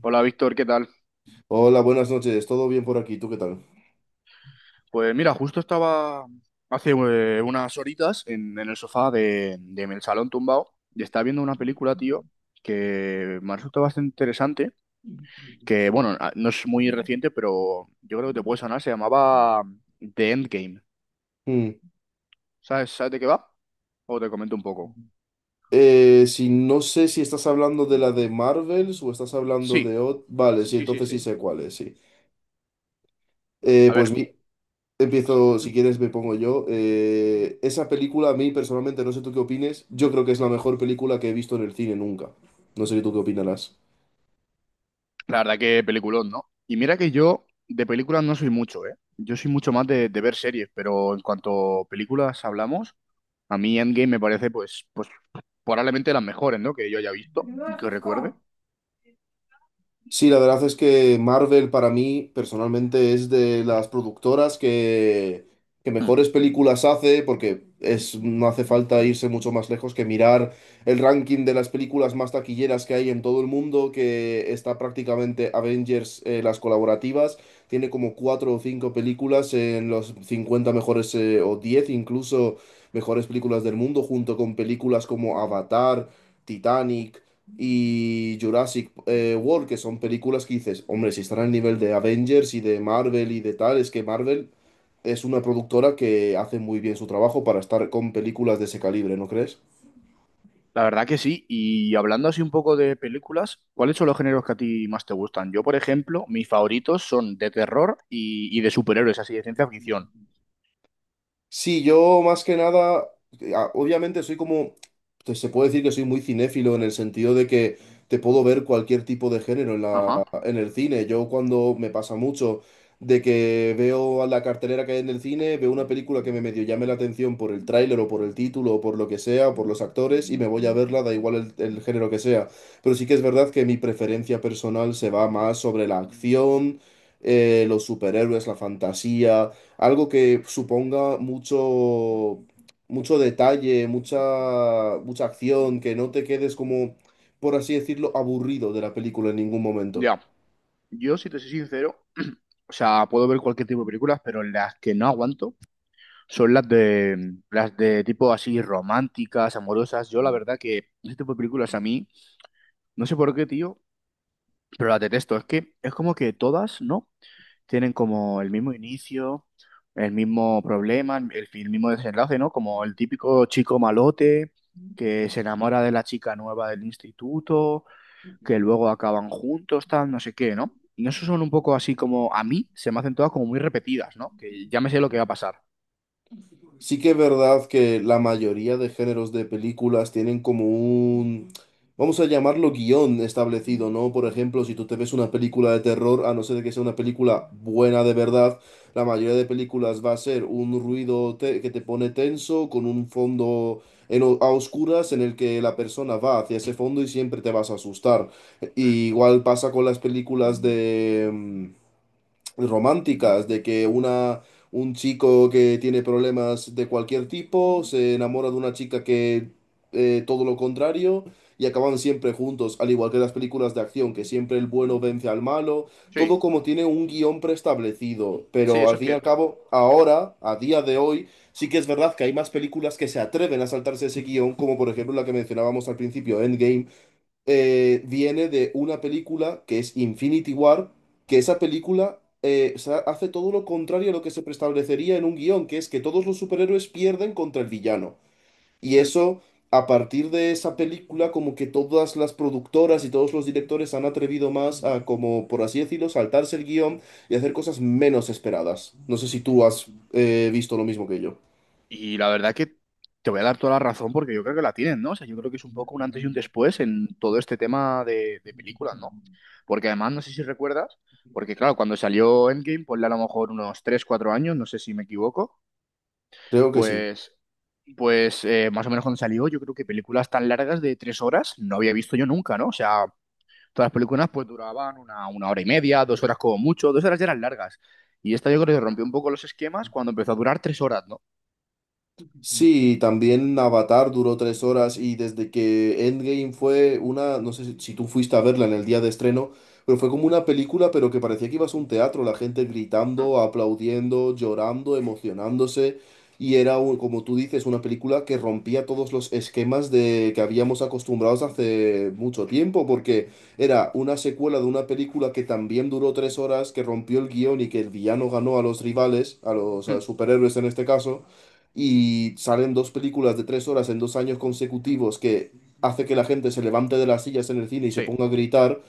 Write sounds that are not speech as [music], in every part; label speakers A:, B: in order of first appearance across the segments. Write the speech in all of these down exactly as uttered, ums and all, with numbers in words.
A: Hola Víctor, ¿qué tal?
B: Hola, buenas noches. ¿Todo bien por aquí? ¿Tú qué tal?
A: Pues mira, justo estaba hace eh, unas horitas en, en el sofá de, de mi salón tumbado y estaba viendo una película, tío, que me ha resultado bastante interesante, que bueno, a- no es muy reciente, pero yo creo que te puede sonar, se llamaba mm, The Endgame.
B: Hmm.
A: ¿Sabes, sabes de qué va? O te comento un poco.
B: Eh, si no sé si estás hablando de la de Marvels o estás hablando de
A: Sí,
B: ot- vale, sí,
A: sí, sí,
B: entonces sí
A: sí.
B: sé cuál es, sí. Eh,
A: A
B: pues
A: ver,
B: mi- Empiezo, si
A: [laughs]
B: quieres me pongo yo. Eh, esa película a mí personalmente, no sé tú qué opines, yo creo que es la mejor película que he visto en el cine nunca. No sé tú qué opinarás.
A: la verdad que peliculón, ¿no? Y mira que yo de películas no soy mucho, ¿eh? Yo soy mucho más de, de ver series, pero en cuanto a películas hablamos, a mí Endgame me parece, pues, pues probablemente las mejores, ¿no? Que yo haya visto y que recuerde.
B: Sí, la verdad es que Marvel para mí personalmente es de las productoras que, que
A: Hmm.
B: mejores películas hace porque es, no hace falta irse mucho más lejos que mirar el ranking de las películas más taquilleras que hay en todo el mundo, que está prácticamente Avengers, eh, las colaborativas, tiene como cuatro o cinco películas en los cincuenta mejores eh, o diez incluso mejores películas del mundo, junto con películas como Avatar, Titanic y Jurassic eh, World, que son películas que dices, hombre, si están al nivel de Avengers y de Marvel y de tal, es que Marvel es una productora que hace muy bien su trabajo para estar con películas de ese calibre, ¿no crees?
A: La verdad que sí. Y hablando así un poco de películas, ¿cuáles son los géneros que a ti más te gustan? Yo, por ejemplo, mis favoritos son de terror y, y de superhéroes, así de ciencia ficción.
B: Sí, yo más que nada, eh, a- obviamente soy como, te- se puede decir que soy muy cinéfilo en el sentido de que te puedo ver cualquier tipo de género en
A: Ajá.
B: la, en el cine. Yo cuando me pasa mucho de que veo a la cartelera que hay en el cine, veo una película que me medio llame la atención por el tráiler o por el título o por lo que sea, o por los actores y me voy a verla, da igual el, el género que sea. Pero sí que es verdad que mi preferencia personal se va más sobre la acción, eh, los superhéroes, la fantasía, algo que suponga mucho, mucho detalle, mucha, mucha acción, que no te quedes como, por así decirlo, aburrido de la película en ningún momento.
A: Ya. Yo, si te soy sincero, o sea, puedo ver cualquier tipo de películas, pero las que no aguanto son las de las de tipo así románticas, amorosas. Yo la verdad que ese tipo de películas a mí, no sé por qué, tío, pero las detesto. Es que es como que todas, ¿no? Tienen como el mismo inicio, el mismo problema, el, fi- el mismo desenlace, ¿no? Como el típico chico malote que se enamora de la chica nueva del instituto, que luego acaban juntos, tal, no sé qué, ¿no? Y eso son un poco así como, a mí se me hacen todas como muy repetidas, ¿no? Que ya me sé lo que va a pasar.
B: Sí que es verdad que la mayoría de géneros de películas tienen como un, vamos a llamarlo guión establecido, ¿no? Por ejemplo, si tú te ves una película de terror, a no ser que sea una película buena de verdad, la mayoría de películas va a ser un ruido te- que te pone tenso, con un fondo en o- a oscuras en el que la persona va hacia ese fondo y siempre te vas a asustar.
A: Mm,
B: Y igual pasa con las películas de... mm, románticas, de que una, un chico que tiene problemas de cualquier tipo se enamora de una chica que eh, todo lo contrario y acaban siempre juntos, al igual que las películas de acción, que siempre el bueno vence al malo, todo
A: Sí,
B: como tiene un guión preestablecido,
A: sí,
B: pero
A: eso
B: al
A: es
B: fin y al
A: cierto.
B: cabo, ahora, a día de hoy, sí que es verdad que hay más películas que se atreven a saltarse ese guión, como por ejemplo la que mencionábamos al principio, Endgame, eh, viene de una película que es Infinity War, que esa película, eh, o sea, hace todo lo contrario a lo que se preestablecería en un guión, que es que todos los superhéroes pierden contra el villano. Y
A: Mm.
B: eso, a partir de esa película, como que todas las productoras y todos los directores han atrevido más a, como por así decirlo, saltarse el guión y hacer cosas menos esperadas. No sé si tú has eh, visto lo mismo que yo.
A: Y la verdad que te voy a dar toda la razón porque yo creo que la tienen, ¿no? O sea, yo creo que es un poco un antes y un después en todo este tema de, de películas, ¿no? Porque además, no sé si recuerdas, porque claro, cuando salió Endgame, ponle a lo mejor unos tres cuatro años, no sé si me equivoco,
B: Creo que sí.
A: pues, pues eh, más o menos cuando salió, yo creo que películas tan largas de tres horas no había visto yo nunca, ¿no? O sea, todas las películas pues duraban una, una hora y media, dos horas como mucho, dos horas ya eran largas. Y esta yo creo que rompió un poco los esquemas cuando empezó a durar tres horas, ¿no?
B: Sí, también Avatar duró tres horas y desde que Endgame fue una, no sé si, si tú fuiste a verla en el día de estreno, pero fue como una película, pero que parecía que ibas a un teatro, la gente gritando, aplaudiendo, llorando, emocionándose, y era, un- como tú dices, una película que rompía todos los esquemas de que habíamos acostumbrados hace mucho tiempo, porque era una secuela de una película que también duró tres horas, que rompió el guión y que el villano ganó a los rivales, a los a
A: Mm,
B: superhéroes en este caso, y salen dos películas de tres horas en dos años consecutivos que hace que la gente se levante de las sillas en el cine y se
A: sí,
B: ponga a gritar.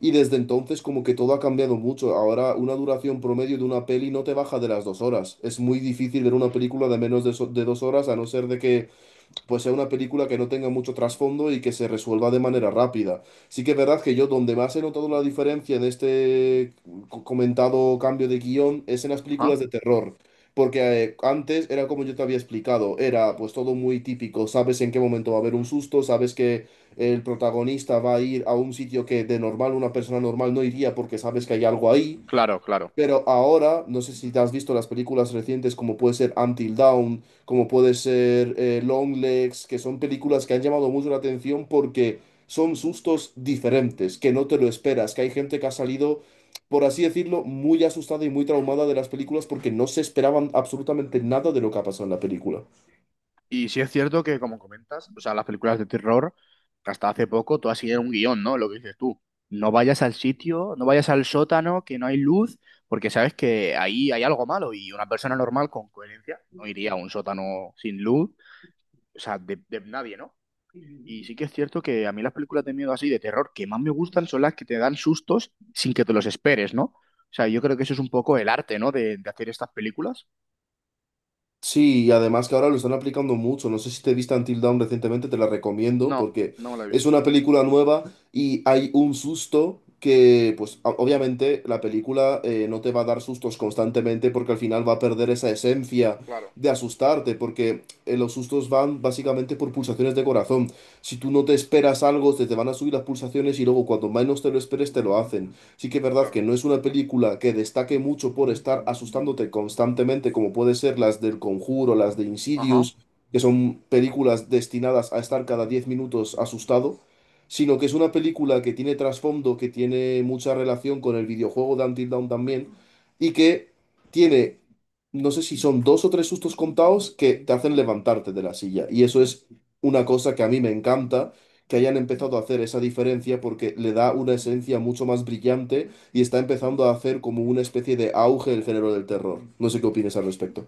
B: Y desde entonces como que todo ha cambiado mucho. Ahora una duración promedio de una peli no te baja de las dos horas. Es muy difícil ver una película de menos de, so- de dos horas a no ser de que pues sea una película que no tenga mucho trasfondo y que se resuelva de manera rápida. Sí que es verdad que yo donde más he notado la diferencia en este co- comentado cambio de guión es en las películas
A: ah,
B: de terror. Porque eh, antes era como yo te había explicado, era pues todo muy típico, sabes en qué momento va a haber un susto, sabes que el protagonista va a ir a un sitio que de normal una persona normal no iría porque sabes que hay algo ahí.
A: claro, claro.
B: Pero ahora, no sé si te has visto las películas recientes como puede ser Until Dawn, como puede ser eh, Long Legs, que son películas que han llamado mucho la atención porque son sustos diferentes, que no te lo esperas, que hay gente que ha salido, por así decirlo, muy asustada y muy traumada de las películas porque no se esperaban absolutamente nada de lo que ha pasado en la película.
A: Y sí es cierto que, como comentas, o sea, las películas de terror, hasta hace poco, todas siguen un guión, ¿no? Lo que dices tú. No vayas al sitio, no vayas al sótano, que no hay luz, porque sabes que ahí hay algo malo y una persona normal con coherencia no iría a un sótano sin luz, o sea, de, de nadie, ¿no? Y sí que es cierto que a mí las películas de miedo así, de terror, que más me gustan son las que te dan sustos sin que te los esperes, ¿no? O sea, yo creo que eso es un poco el arte, ¿no? De, de hacer estas películas.
B: Sí, y además que ahora lo están aplicando mucho. No sé si te viste Until Dawn recientemente, te la recomiendo
A: No,
B: porque
A: no me la he
B: es
A: visto.
B: una película nueva y hay un susto que, pues o- obviamente la película, eh, no te va a dar sustos constantemente porque al final va a perder esa esencia
A: Claro,
B: de asustarte porque eh, los sustos van básicamente por pulsaciones de corazón. Si tú no te esperas algo, se te van a subir las pulsaciones y luego cuando menos te lo esperes te lo hacen. Sí que es verdad que
A: claro.
B: no es una película que destaque mucho por estar asustándote constantemente, como puede ser las del Conjuro, las de
A: Ajá.
B: Insidious, que son películas destinadas a estar cada diez minutos asustado, sino que es una película que tiene trasfondo, que tiene mucha relación con el videojuego de Until Dawn también, y que tiene, no sé si son dos o tres sustos contados que te hacen levantarte de la silla. Y eso es una cosa que a mí me encanta que hayan empezado a hacer esa diferencia porque le da una esencia mucho más brillante y está empezando a hacer como una especie de auge el género del terror. No sé qué opinas al respecto.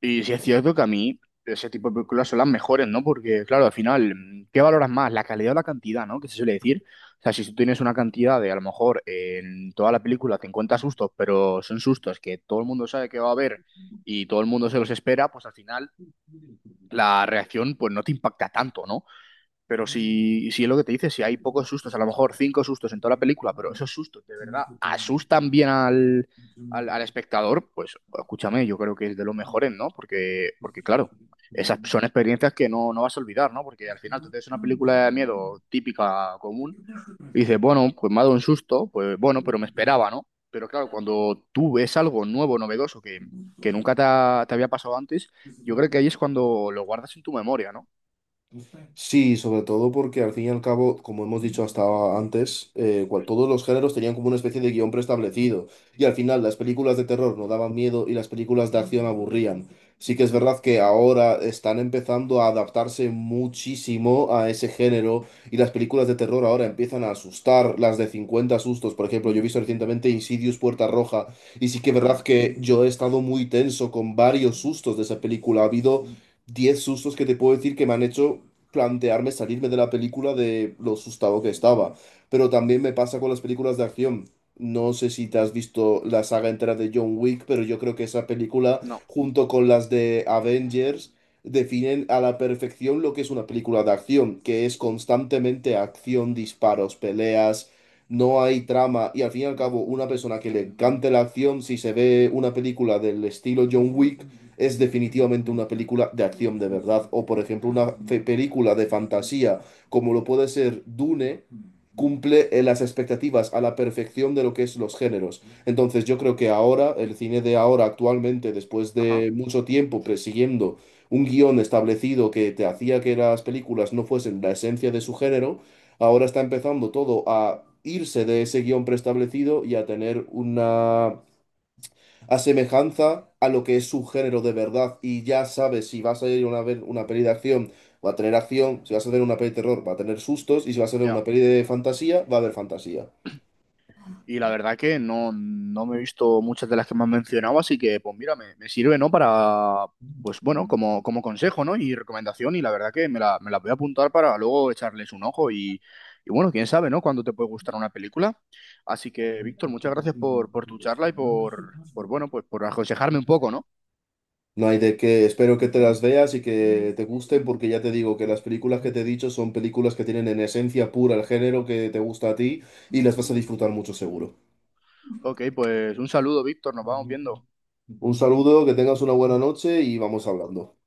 A: Y sí es cierto que a mí ese tipo de películas son las mejores, ¿no? Porque, claro, al final, mm, ¿qué valoras más? ¿La calidad o la cantidad, ¿no? Que se suele decir. O sea, si tú tienes una cantidad de, a lo mejor, en toda la película te encuentras sustos, pero son sustos que todo el mundo sabe que va a haber y todo el mundo se los espera, pues al final la reacción, pues no te impacta tanto, ¿no? Pero si, si es lo que te dice, si hay pocos sustos, a lo mejor cinco sustos en toda la película, pero esos sustos de verdad asustan bien al, al, al espectador, pues escúchame, yo creo que es de los mejores, ¿no? Porque, porque claro, esas son experiencias que no, no vas a olvidar, ¿no? Porque al final tú te ves una película de miedo típica, común, y dices, bueno, pues me ha dado un susto, pues bueno, pero me esperaba, ¿no? Pero claro, cuando tú ves algo nuevo, novedoso, que, que nunca te, ha- te había pasado antes, yo creo que ahí es cuando lo guardas en tu memoria, ¿no?
B: Sí, sobre todo porque al fin y al cabo, como hemos dicho hasta antes, eh, cual- todos los géneros tenían como una especie de guión preestablecido. Y al final las películas de terror no daban miedo y las películas de acción aburrían. Sí que es
A: Hmm.
B: verdad que ahora están empezando a adaptarse muchísimo a ese género y las películas de terror ahora empiezan a asustar, las de cincuenta sustos. Por ejemplo, yo he visto recientemente Insidious Puerta Roja y sí que es
A: Ajá.
B: verdad que yo he estado muy tenso con varios sustos de esa película. Ha habido diez sustos que te puedo decir que me han hecho plantearme salirme de la película de lo asustado que estaba. Pero también me pasa con las películas de acción. No sé si te has visto la saga entera de John Wick, pero yo creo que esa película,
A: No.
B: junto con las de Avengers, definen a la perfección lo que es una película de acción, que es constantemente acción, disparos, peleas, no hay trama y al fin y al cabo una persona que le encante la acción, si se ve una película del estilo John Wick, es definitivamente una película de acción de verdad. O por ejemplo una fe- película de fantasía como lo puede ser Dune, cumple eh, las expectativas a la perfección de lo que es los géneros. Entonces yo creo que ahora, el cine de ahora actualmente, después
A: Ajá,
B: de mucho tiempo persiguiendo un guión establecido que te hacía que las películas no fuesen la esencia de su género, ahora está empezando todo a irse de ese guión preestablecido y a tener una asemejanza a lo que es su género de verdad. Y ya sabes si vas a ir a ver una peli de acción, va a tener acción, si vas a ver una peli de terror, va a tener sustos, y si vas a ver
A: ya.
B: una peli de fantasía, va a haber fantasía.
A: Y la verdad que no, no me he visto muchas de las que me has mencionado, así que pues mira, me, me sirve, ¿no? Para, pues bueno, como, como consejo, ¿no? Y recomendación, y la verdad que me la, me la voy a apuntar para luego echarles un ojo y, y bueno, quién sabe, ¿no? Cuándo te puede gustar una película. Así que, Víctor, muchas gracias por, por tu charla y por, por, bueno, pues por aconsejarme un poco, ¿no?
B: No hay de qué. Espero que te las veas y Mm. que te gusten, porque ya te digo que las películas que te he dicho son películas que tienen en esencia pura el género que te gusta a ti y las vas a disfrutar mucho seguro.
A: Ok, pues un saludo, Víctor, nos vamos viendo.
B: Un saludo, que tengas una buena noche y vamos hablando.